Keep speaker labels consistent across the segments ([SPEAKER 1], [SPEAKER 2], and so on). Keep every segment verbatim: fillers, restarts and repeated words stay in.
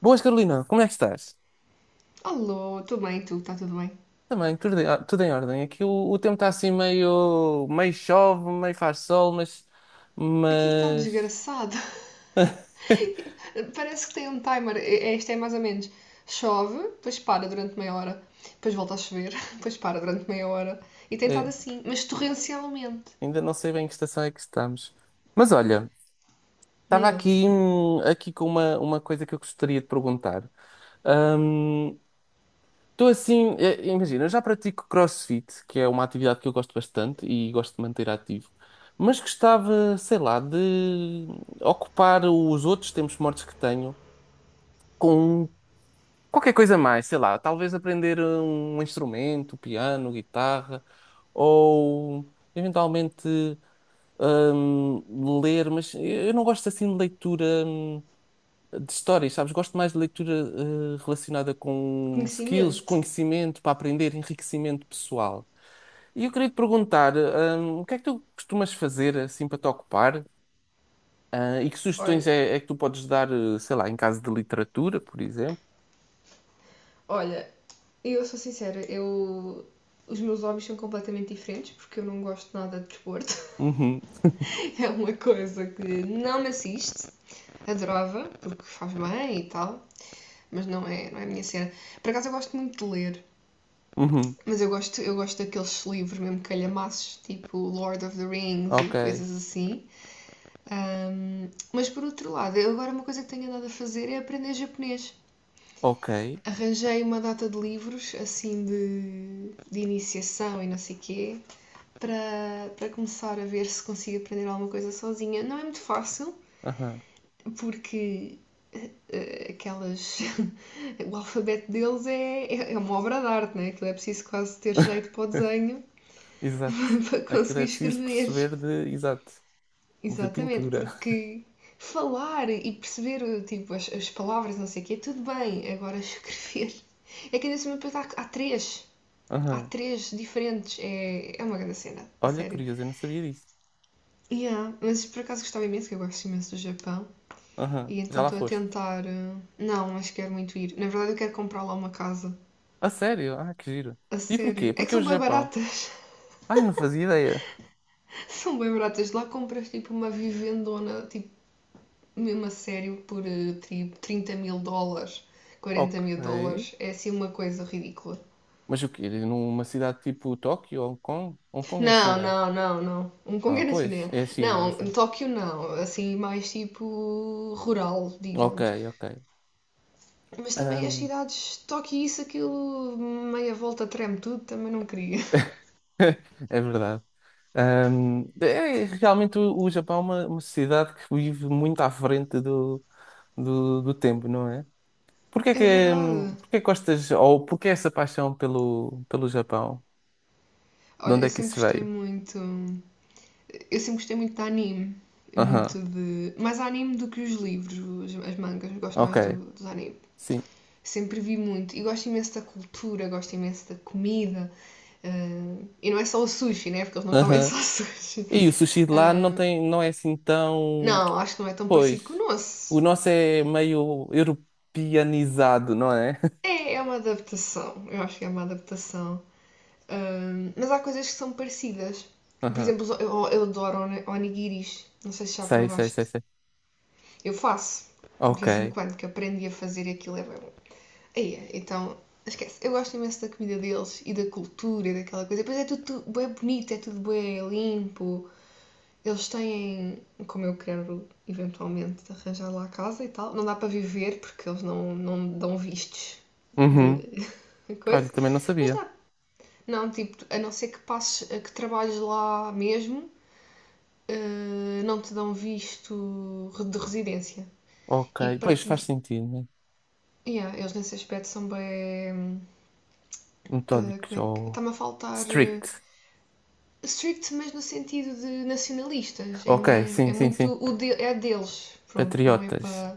[SPEAKER 1] Boas, Carolina, como é que estás?
[SPEAKER 2] Alô, tudo bem? Tu, está tudo bem?
[SPEAKER 1] Também, tudo em, tudo em ordem. Aqui o, o tempo está assim meio, meio chove, meio faz sol, mas,
[SPEAKER 2] Aqui está
[SPEAKER 1] mas...
[SPEAKER 2] desgraçado. Parece que tem um timer. Este é- é mais ou menos. Chove, depois para durante meia hora, depois volta a chover, depois para durante meia hora. E tem estado
[SPEAKER 1] É,
[SPEAKER 2] assim, mas torrencialmente.
[SPEAKER 1] ainda não sei bem que estação é que estamos. Mas olha,
[SPEAKER 2] Nem
[SPEAKER 1] estava aqui,
[SPEAKER 2] eles.
[SPEAKER 1] hum, aqui com uma, uma coisa que eu gostaria de perguntar. Estou assim, eh, imagina, eu já pratico CrossFit, que é uma atividade que eu gosto bastante e gosto de manter ativo. Mas gostava, sei lá, de ocupar os outros tempos mortos que tenho com qualquer coisa mais, sei lá, talvez aprender um instrumento, piano, guitarra, ou eventualmente hum, ler, mas eu não gosto assim de leitura hum, de histórias, sabes? Gosto mais de leitura eh, relacionada com skills,
[SPEAKER 2] Conhecimento.
[SPEAKER 1] conhecimento para aprender, enriquecimento pessoal. E eu queria te perguntar, hum, o que é que tu costumas fazer assim para te ocupar? Ah, e que
[SPEAKER 2] Olha,
[SPEAKER 1] sugestões é, é que tu podes dar, eh, sei lá, em caso de literatura, por exemplo?
[SPEAKER 2] olha, eu sou sincera, eu. Os meus hobbies são completamente diferentes porque eu não gosto nada de desporto.
[SPEAKER 1] Uhum,
[SPEAKER 2] É uma coisa que não me assiste. Adorava, porque faz bem e tal, mas não é, não é a minha cena. Por acaso eu gosto muito de ler,
[SPEAKER 1] uhum.
[SPEAKER 2] mas eu gosto, eu gosto daqueles livros mesmo calhamaços, tipo Lord of the Rings
[SPEAKER 1] Ok,
[SPEAKER 2] e coisas assim. Ahm, mas por outro lado, eu agora uma coisa que tenho andado a fazer é aprender japonês.
[SPEAKER 1] ok.
[SPEAKER 2] Arranjei uma data de livros, assim, de, de iniciação e não sei o quê, para, para começar a ver se consigo aprender alguma coisa sozinha. Não é muito fácil,
[SPEAKER 1] Aham.
[SPEAKER 2] porque eh, aquelas. O alfabeto deles é, é, é uma obra de arte, né? Aquilo é preciso quase ter jeito para o desenho
[SPEAKER 1] Exato.
[SPEAKER 2] para
[SPEAKER 1] Aquilo é
[SPEAKER 2] conseguir
[SPEAKER 1] preciso
[SPEAKER 2] escrever.
[SPEAKER 1] perceber de, exato, de
[SPEAKER 2] Exatamente,
[SPEAKER 1] pintura.
[SPEAKER 2] porque falar e perceber tipo, as, as palavras, não sei o quê, tudo bem, agora escrever. É que ainda se há, há três. Há
[SPEAKER 1] Aham.
[SPEAKER 2] três diferentes. É, é uma grande cena, a
[SPEAKER 1] Olha,
[SPEAKER 2] sério.
[SPEAKER 1] curioso, eu não sabia disso.
[SPEAKER 2] Yeah, mas por acaso gostava imenso, que eu gosto imenso do Japão.
[SPEAKER 1] Aham.
[SPEAKER 2] E
[SPEAKER 1] Já
[SPEAKER 2] então
[SPEAKER 1] lá
[SPEAKER 2] estou a
[SPEAKER 1] foste.
[SPEAKER 2] tentar. eh, Não, mas quero muito ir. Na verdade, eu quero comprar lá uma casa.
[SPEAKER 1] A sério? Ah, que giro.
[SPEAKER 2] A
[SPEAKER 1] E porquê?
[SPEAKER 2] sério. É que
[SPEAKER 1] Porque é o
[SPEAKER 2] são bem
[SPEAKER 1] Japão?
[SPEAKER 2] baratas.
[SPEAKER 1] Ai, não fazia ideia.
[SPEAKER 2] São bem baratas. Lá compras tipo uma vivendona, tipo, mesmo a sério, por tipo trinta mil dólares, quarenta
[SPEAKER 1] Ok.
[SPEAKER 2] mil dólares. É assim uma coisa ridícula.
[SPEAKER 1] Mas o quê? Numa cidade tipo Tóquio ou Hong Kong? Hong Kong é
[SPEAKER 2] Não,
[SPEAKER 1] China.
[SPEAKER 2] não, não, não. Um Congo
[SPEAKER 1] Ah,
[SPEAKER 2] é na
[SPEAKER 1] pois,
[SPEAKER 2] China.
[SPEAKER 1] é a China
[SPEAKER 2] Não,
[SPEAKER 1] essa.
[SPEAKER 2] Tóquio não. Assim, mais tipo rural,
[SPEAKER 1] Ok,
[SPEAKER 2] digamos.
[SPEAKER 1] ok.
[SPEAKER 2] Mas também as
[SPEAKER 1] Ahm,
[SPEAKER 2] cidades, Tóquio isso, aquilo, meia volta treme tudo, também não queria.
[SPEAKER 1] É verdade. Ahm, é realmente o, o Japão é uma, uma sociedade que vive muito à frente do, do, do tempo, não é? Porquê é
[SPEAKER 2] É
[SPEAKER 1] que,
[SPEAKER 2] verdade.
[SPEAKER 1] hum, porquê é que gostas, ou porquê essa paixão pelo, pelo Japão? De
[SPEAKER 2] Olha,
[SPEAKER 1] onde
[SPEAKER 2] eu
[SPEAKER 1] é que
[SPEAKER 2] sempre
[SPEAKER 1] isso
[SPEAKER 2] gostei
[SPEAKER 1] veio?
[SPEAKER 2] muito. hum, Eu sempre gostei muito de anime.
[SPEAKER 1] Aham,
[SPEAKER 2] Muito de. Mais anime do que os livros, as, mangas. Gosto
[SPEAKER 1] ok,
[SPEAKER 2] mais do, dos anime.
[SPEAKER 1] sim.
[SPEAKER 2] Sempre vi muito. E gosto imenso da cultura, gosto imenso da comida. Ah, e não é só o sushi, né? Porque eles não comem
[SPEAKER 1] Aham.
[SPEAKER 2] só sushi.
[SPEAKER 1] E o sushi de lá não
[SPEAKER 2] Ah,
[SPEAKER 1] tem, não é assim tão.
[SPEAKER 2] não, acho que não é tão parecido com o
[SPEAKER 1] Pois, o
[SPEAKER 2] nosso.
[SPEAKER 1] nosso é meio europeanizado, não é?
[SPEAKER 2] É, é uma adaptação. Eu acho que é uma adaptação. Ah, mas há coisas que são parecidas. Por
[SPEAKER 1] Aham.
[SPEAKER 2] exemplo, eu, eu adoro oni- onigiris. Não sei se já
[SPEAKER 1] Sei, sei,
[SPEAKER 2] provaste.
[SPEAKER 1] sei, sei.
[SPEAKER 2] Eu faço. De vez em
[SPEAKER 1] Ok.
[SPEAKER 2] quando que aprendi a fazer aquilo é bem bom. Aí, é, então, esquece. Eu gosto imenso da comida deles e da cultura e daquela coisa. Depois é tudo, tudo bem bonito, é tudo bem limpo. Eles têm, como eu quero eventualmente arranjar lá a casa e tal, não dá para viver porque eles não, não dão vistos de
[SPEAKER 1] Uhum. Olha,
[SPEAKER 2] coisa,
[SPEAKER 1] também não
[SPEAKER 2] mas
[SPEAKER 1] sabia.
[SPEAKER 2] dá. Não, tipo, a não ser que passes, que trabalhes lá mesmo, eh, não te dão visto de residência.
[SPEAKER 1] Ok,
[SPEAKER 2] E para
[SPEAKER 1] pois
[SPEAKER 2] te.
[SPEAKER 1] faz sentido, né?
[SPEAKER 2] Yeah, eles nesse aspecto são bem. Eh,
[SPEAKER 1] Metódicos
[SPEAKER 2] como é que.
[SPEAKER 1] ou
[SPEAKER 2] Está-me a faltar. Eh,
[SPEAKER 1] strict.
[SPEAKER 2] strict, mas no sentido de nacionalistas. É
[SPEAKER 1] Ok,
[SPEAKER 2] mesmo.
[SPEAKER 1] sim,
[SPEAKER 2] É
[SPEAKER 1] sim,
[SPEAKER 2] muito.
[SPEAKER 1] sim.
[SPEAKER 2] O de- é deles. Pronto, não é para.
[SPEAKER 1] Patriotas.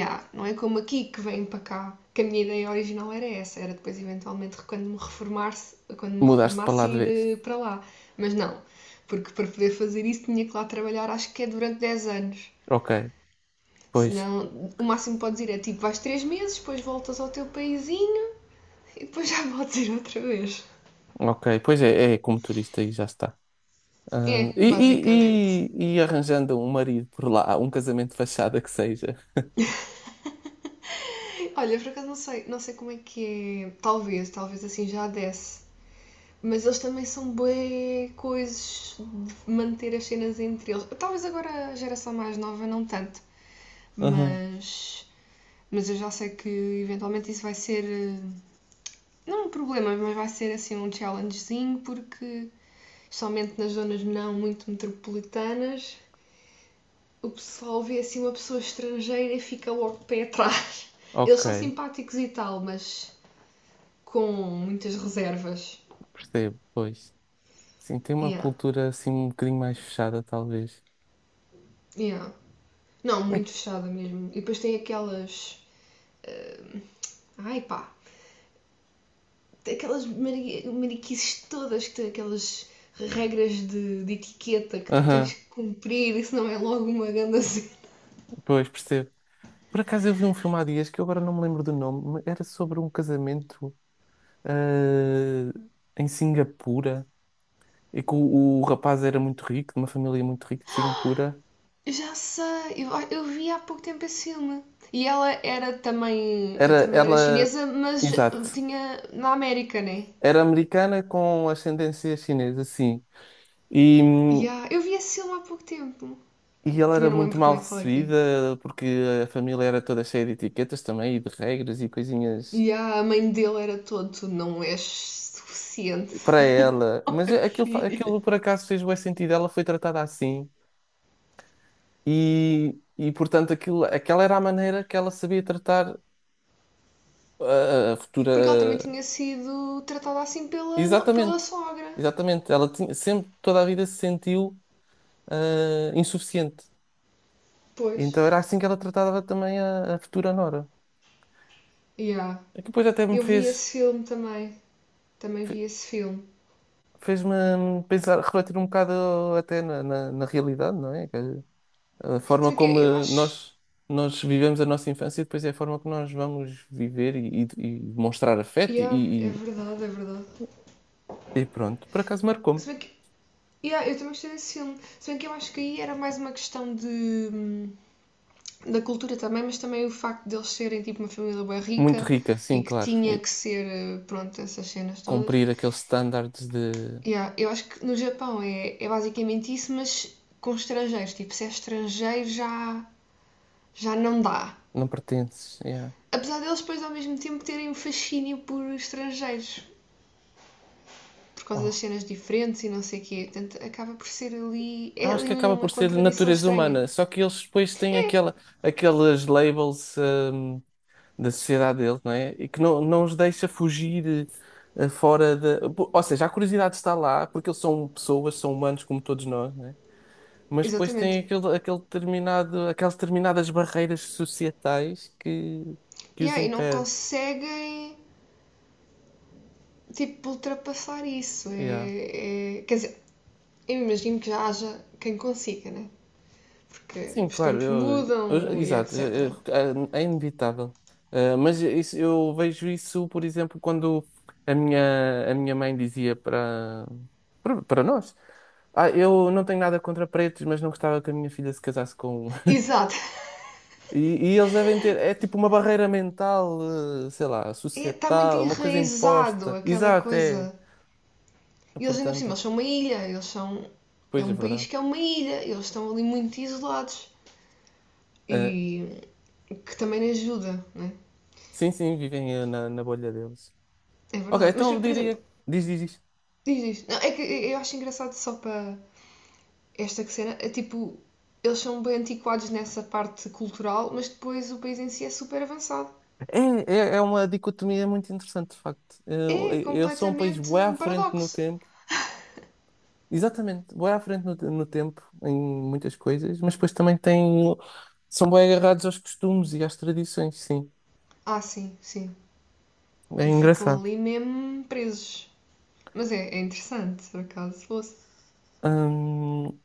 [SPEAKER 2] Yeah, não é como aqui que vêm para cá. Que a minha ideia original era essa. Era depois, eventualmente, quando me reformasse, quando me
[SPEAKER 1] Mudaste para
[SPEAKER 2] reformasse,
[SPEAKER 1] lá de
[SPEAKER 2] ir
[SPEAKER 1] vez.
[SPEAKER 2] eh, para lá. Mas não. Porque para poder fazer isso tinha que lá trabalhar, acho que é durante dez anos.
[SPEAKER 1] Ok, pois.
[SPEAKER 2] Senão, o máximo que podes ir é tipo, vais três meses, depois voltas ao teu paísinho e depois já podes ir outra vez.
[SPEAKER 1] Ok, pois é, é como turista e já está.
[SPEAKER 2] É,
[SPEAKER 1] Ah,
[SPEAKER 2] basicamente.
[SPEAKER 1] e, e, e, e arranjando um marido por lá, um casamento de fachada que seja.
[SPEAKER 2] É, olha, por acaso não sei, não sei como é que é. Talvez, talvez assim já desse. Mas eles também são bué coisas de manter as cenas entre eles. Talvez agora a geração mais nova não tanto,
[SPEAKER 1] Aham.
[SPEAKER 2] mas mas eu já sei que eventualmente isso vai ser eh, não um problema, mas vai ser assim um challengezinho porque especialmente nas zonas não muito metropolitanas o pessoal vê assim uma pessoa estrangeira e fica logo de pé atrás. Eles
[SPEAKER 1] Ok,
[SPEAKER 2] são simpáticos e tal, mas com muitas reservas.
[SPEAKER 1] percebo, pois. Sim, tem uma
[SPEAKER 2] Yeah,
[SPEAKER 1] cultura assim um bocadinho mais fechada, talvez.
[SPEAKER 2] yeah. Não,
[SPEAKER 1] Ui.
[SPEAKER 2] muito fechada mesmo. E depois tem aquelas. Ai pá! Aquelas mari- mariquices todas, que tem aquelas regras de, de etiqueta que tu tens
[SPEAKER 1] Aham.
[SPEAKER 2] que cumprir, isso não é logo uma grande cena.
[SPEAKER 1] Pois, percebo. Por acaso eu vi um filme há dias que eu agora não me lembro do nome, mas era sobre um casamento, eh, em Singapura, e que o, o rapaz era muito rico, de uma família muito rica de Singapura.
[SPEAKER 2] Eu já sei, eu, eu vi há pouco tempo esse filme. E ela era também,
[SPEAKER 1] Era
[SPEAKER 2] também era
[SPEAKER 1] ela,
[SPEAKER 2] chinesa, mas
[SPEAKER 1] exato,
[SPEAKER 2] tinha na América, né?
[SPEAKER 1] era americana com ascendência chinesa, sim. E,
[SPEAKER 2] Yeah, eu vi esse filme há pouco tempo.
[SPEAKER 1] e ela
[SPEAKER 2] Também
[SPEAKER 1] era
[SPEAKER 2] não me
[SPEAKER 1] muito
[SPEAKER 2] lembro como
[SPEAKER 1] mal
[SPEAKER 2] é que ela é.
[SPEAKER 1] recebida porque a família era toda cheia de etiquetas também e de regras e coisinhas
[SPEAKER 2] Yeah, a mãe dele era todo, tu não és suficiente
[SPEAKER 1] para ela.
[SPEAKER 2] ao
[SPEAKER 1] Mas
[SPEAKER 2] meu
[SPEAKER 1] é, aquilo, fa-
[SPEAKER 2] filho.
[SPEAKER 1] aquilo por acaso fez bué sentido, ela foi tratada assim. E, e portanto, aquilo, aquela era a maneira que ela sabia tratar a, a
[SPEAKER 2] Porque ela também
[SPEAKER 1] futura.
[SPEAKER 2] tinha sido tratada assim pela, no- pela
[SPEAKER 1] Exatamente,
[SPEAKER 2] sogra.
[SPEAKER 1] exatamente. Ela tinha, sempre, toda a vida se sentiu ah, insuficiente. E
[SPEAKER 2] Pois.
[SPEAKER 1] então era assim que ela tratava também a, a futura nora.
[SPEAKER 2] Yeah.
[SPEAKER 1] É que depois até me
[SPEAKER 2] Eu vi
[SPEAKER 1] fez,
[SPEAKER 2] esse filme também. Também
[SPEAKER 1] fe-
[SPEAKER 2] vi esse filme.
[SPEAKER 1] fez-me pensar, refletir um bocado até na, na, na realidade, não é? Que a
[SPEAKER 2] Se
[SPEAKER 1] forma
[SPEAKER 2] bem que eu,
[SPEAKER 1] como
[SPEAKER 2] eu
[SPEAKER 1] eh,
[SPEAKER 2] acho.
[SPEAKER 1] nós, nós vivemos a nossa infância e depois é a forma que nós vamos viver e, e, e demonstrar afeto
[SPEAKER 2] Yeah, é
[SPEAKER 1] e, e,
[SPEAKER 2] verdade, é verdade.
[SPEAKER 1] e pronto. Por acaso
[SPEAKER 2] Se
[SPEAKER 1] marcou-me.
[SPEAKER 2] bem que. Yeah, eu também gostei desse filme. Se bem que eu acho que aí era mais uma questão de. Hum, da cultura também, mas também o facto de eles serem tipo uma família bem
[SPEAKER 1] Muito
[SPEAKER 2] rica
[SPEAKER 1] rica,
[SPEAKER 2] e
[SPEAKER 1] sim,
[SPEAKER 2] que
[SPEAKER 1] claro.
[SPEAKER 2] tinha
[SPEAKER 1] E
[SPEAKER 2] que ser, eh, pronto, essas cenas todas.
[SPEAKER 1] cumprir aqueles standards de
[SPEAKER 2] Yeah, eu acho que no Japão é, é basicamente isso, mas com estrangeiros. Tipo, se é estrangeiro já, já não dá.
[SPEAKER 1] não pertences. Yeah.
[SPEAKER 2] Apesar deles depois ao mesmo tempo terem um fascínio por estrangeiros, por causa
[SPEAKER 1] Oh,
[SPEAKER 2] das cenas diferentes e não sei o quê. Portanto, acaba por ser ali. É
[SPEAKER 1] acho
[SPEAKER 2] ali
[SPEAKER 1] que acaba
[SPEAKER 2] uma
[SPEAKER 1] por ser
[SPEAKER 2] contradição
[SPEAKER 1] natureza
[SPEAKER 2] estranha.
[SPEAKER 1] humana, só que eles depois têm
[SPEAKER 2] É,
[SPEAKER 1] aquela, aqueles labels, hum, da sociedade deles, não é? E que não, não os deixa fugir eh, fora da. Ou seja, a curiosidade está lá, porque eles são pessoas, são humanos como todos nós, não é? Mas depois têm
[SPEAKER 2] exatamente.
[SPEAKER 1] aquele, aquele determinado, aquelas determinadas barreiras societais que, que os
[SPEAKER 2] Yeah, e não
[SPEAKER 1] impedem.
[SPEAKER 2] conseguem tipo, ultrapassar isso.
[SPEAKER 1] Yeah.
[SPEAKER 2] É, é- quer dizer, eu imagino que já haja quem consiga, né? Porque
[SPEAKER 1] Sim,
[SPEAKER 2] os
[SPEAKER 1] claro,
[SPEAKER 2] tempos
[SPEAKER 1] eu, eu-
[SPEAKER 2] mudam e
[SPEAKER 1] exato,
[SPEAKER 2] et cetera.
[SPEAKER 1] eu- eu- é é inevitável. Eh, mas isso- eu vejo isso, por exemplo, quando a minha, a minha mãe dizia para, para, para nós: Ah, eu não tenho nada contra pretos, mas não gostava que a minha filha se casasse com um.
[SPEAKER 2] Exato.
[SPEAKER 1] E, e eles devem ter, é tipo uma barreira mental, eh, sei lá,
[SPEAKER 2] Está muito
[SPEAKER 1] societal, uma coisa
[SPEAKER 2] enraizado
[SPEAKER 1] imposta.
[SPEAKER 2] aquela
[SPEAKER 1] Exato, é.
[SPEAKER 2] coisa. E eles ainda por cima,
[SPEAKER 1] Portanto,
[SPEAKER 2] eles são uma ilha, eles são. É
[SPEAKER 1] pois é
[SPEAKER 2] um país
[SPEAKER 1] verdade.
[SPEAKER 2] que é uma ilha, eles estão ali muito isolados.
[SPEAKER 1] Eh,
[SPEAKER 2] E que também ajuda, né?
[SPEAKER 1] sim, sim, vivem eh, na, na bolha deles.
[SPEAKER 2] É
[SPEAKER 1] Ok,
[SPEAKER 2] verdade. Mas,
[SPEAKER 1] então
[SPEAKER 2] por exemplo,
[SPEAKER 1] diria. Diz, diz, diz.
[SPEAKER 2] diz isto. Não, é que eu acho engraçado só para esta cena, é tipo, eles são bem antiquados nessa parte cultural, mas depois o país em si é super avançado.
[SPEAKER 1] É, é, é uma dicotomia muito interessante, de facto. Eu,
[SPEAKER 2] É
[SPEAKER 1] eu sou um país
[SPEAKER 2] completamente
[SPEAKER 1] bué à
[SPEAKER 2] um
[SPEAKER 1] frente no
[SPEAKER 2] paradoxo.
[SPEAKER 1] tempo, exatamente, bué à frente no, no tempo em muitas coisas, mas depois também tem, são bué agarrados aos costumes e às tradições, sim.
[SPEAKER 2] Ah, sim, sim.
[SPEAKER 1] É
[SPEAKER 2] E ficam
[SPEAKER 1] engraçado.
[SPEAKER 2] ali mesmo presos. Mas é, é interessante, por acaso, se fosse.
[SPEAKER 1] Hum,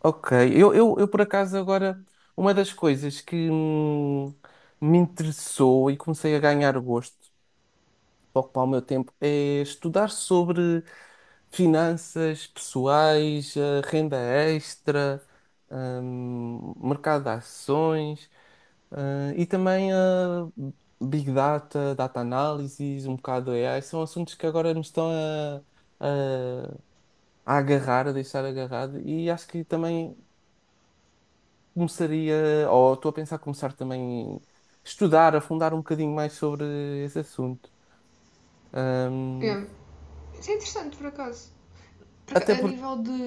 [SPEAKER 1] ok, eu, eu, eu por acaso agora, uma das coisas que hum, me interessou e comecei a ganhar gosto para ocupar o meu tempo é estudar sobre finanças pessoais, eh, renda extra, hum, mercado de ações, eh, e também a Big Data, Data Analysis, um bocado de A I. São assuntos que agora me estão a, a- a agarrar, a deixar agarrado, e acho que também começaria, ou estou a pensar começar também a estudar, afundar um bocadinho mais sobre esse assunto. Hum,
[SPEAKER 2] É, isso é interessante, por acaso. Por
[SPEAKER 1] até
[SPEAKER 2] a
[SPEAKER 1] porque
[SPEAKER 2] nível de.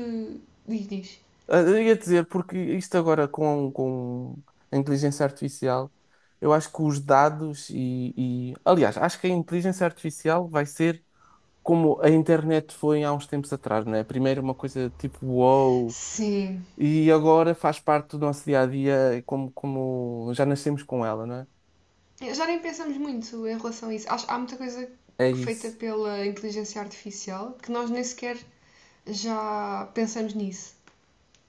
[SPEAKER 2] Diz.
[SPEAKER 1] Ah, eu ia dizer, porque isto agora com, com, a inteligência artificial, eu acho que os dados e, e- aliás, acho que a inteligência artificial vai ser como a internet foi há uns tempos atrás, não é? Primeiro uma coisa tipo wow,
[SPEAKER 2] Sim.
[SPEAKER 1] e agora faz parte do nosso dia a dia, como, como já nascemos com ela, não é?
[SPEAKER 2] Já nem pensamos muito em relação a isso. Acho, há muita coisa
[SPEAKER 1] É
[SPEAKER 2] feita
[SPEAKER 1] isso.
[SPEAKER 2] pela inteligência artificial que nós nem sequer já pensamos nisso.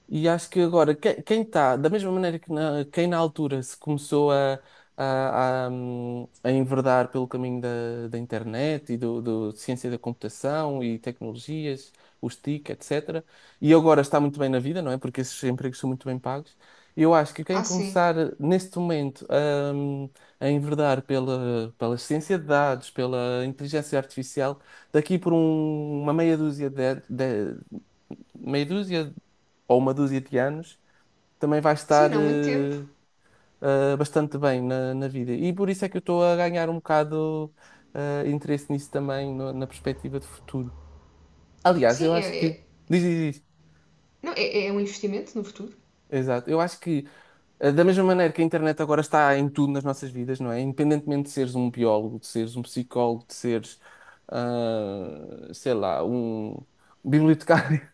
[SPEAKER 1] E acho que agora, que- quem está, da mesma maneira que na, quem na altura se começou a, a, a, hum, a enverdar pelo caminho da, da internet e do, do de ciência da computação e tecnologias, os tique, etcétera, e agora está muito bem na vida, não é? Porque esses empregos são muito bem pagos. Eu acho que quem
[SPEAKER 2] Ah, sim.
[SPEAKER 1] começar neste momento a, hum, a enverdar pela, pela ciência de dados, pela inteligência artificial, daqui por um- uma meia dúzia de, de- meia dúzia ou uma dúzia de anos, também vai
[SPEAKER 2] Sim,
[SPEAKER 1] estar
[SPEAKER 2] não muito tempo.
[SPEAKER 1] eh, eh, bastante bem na, na vida. E por isso é que eu estou a ganhar um bocado eh, interesse nisso também, no- na perspectiva de futuro. Aliás, eu
[SPEAKER 2] Sim,
[SPEAKER 1] acho
[SPEAKER 2] é,
[SPEAKER 1] que.
[SPEAKER 2] é-
[SPEAKER 1] Diz, diz, diz.
[SPEAKER 2] não, é, é um investimento no futuro.
[SPEAKER 1] Exato. Eu acho que, eh, da mesma maneira que a internet agora está em tudo nas nossas vidas, não é? Independentemente de seres um biólogo, de seres um psicólogo, de seres, ah, sei lá, um bibliotecário.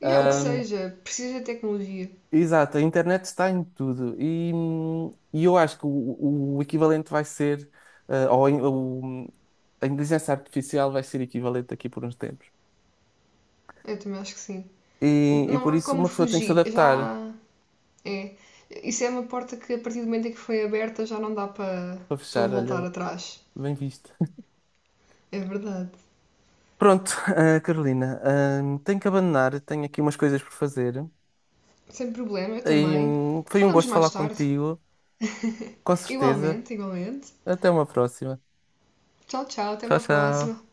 [SPEAKER 2] E há o que seja, precisa de tecnologia.
[SPEAKER 1] Exato, a internet está em tudo e, hum, e eu acho que o, o equivalente vai ser, eh, ou a in- o- a inteligência artificial vai ser equivalente aqui por uns tempos.
[SPEAKER 2] Eu também acho que sim.
[SPEAKER 1] E, e
[SPEAKER 2] Não
[SPEAKER 1] por
[SPEAKER 2] há
[SPEAKER 1] isso
[SPEAKER 2] como
[SPEAKER 1] uma pessoa tem que se
[SPEAKER 2] fugir.
[SPEAKER 1] adaptar
[SPEAKER 2] Já é. Isso é uma porta que a partir do momento em que foi aberta já não dá para
[SPEAKER 1] para
[SPEAKER 2] para
[SPEAKER 1] fechar,
[SPEAKER 2] voltar
[SPEAKER 1] olha,
[SPEAKER 2] atrás.
[SPEAKER 1] bem visto.
[SPEAKER 2] É verdade.
[SPEAKER 1] Pronto, eh, Carolina, hum, tenho que abandonar, tenho aqui umas coisas por fazer.
[SPEAKER 2] Sem problema, eu
[SPEAKER 1] E,
[SPEAKER 2] também.
[SPEAKER 1] hum, foi um
[SPEAKER 2] Falamos
[SPEAKER 1] gosto
[SPEAKER 2] mais
[SPEAKER 1] falar
[SPEAKER 2] tarde.
[SPEAKER 1] contigo, com certeza.
[SPEAKER 2] Igualmente, igualmente.
[SPEAKER 1] Até uma próxima.
[SPEAKER 2] Tchau, tchau, até
[SPEAKER 1] Tchau,
[SPEAKER 2] uma próxima.
[SPEAKER 1] tchau.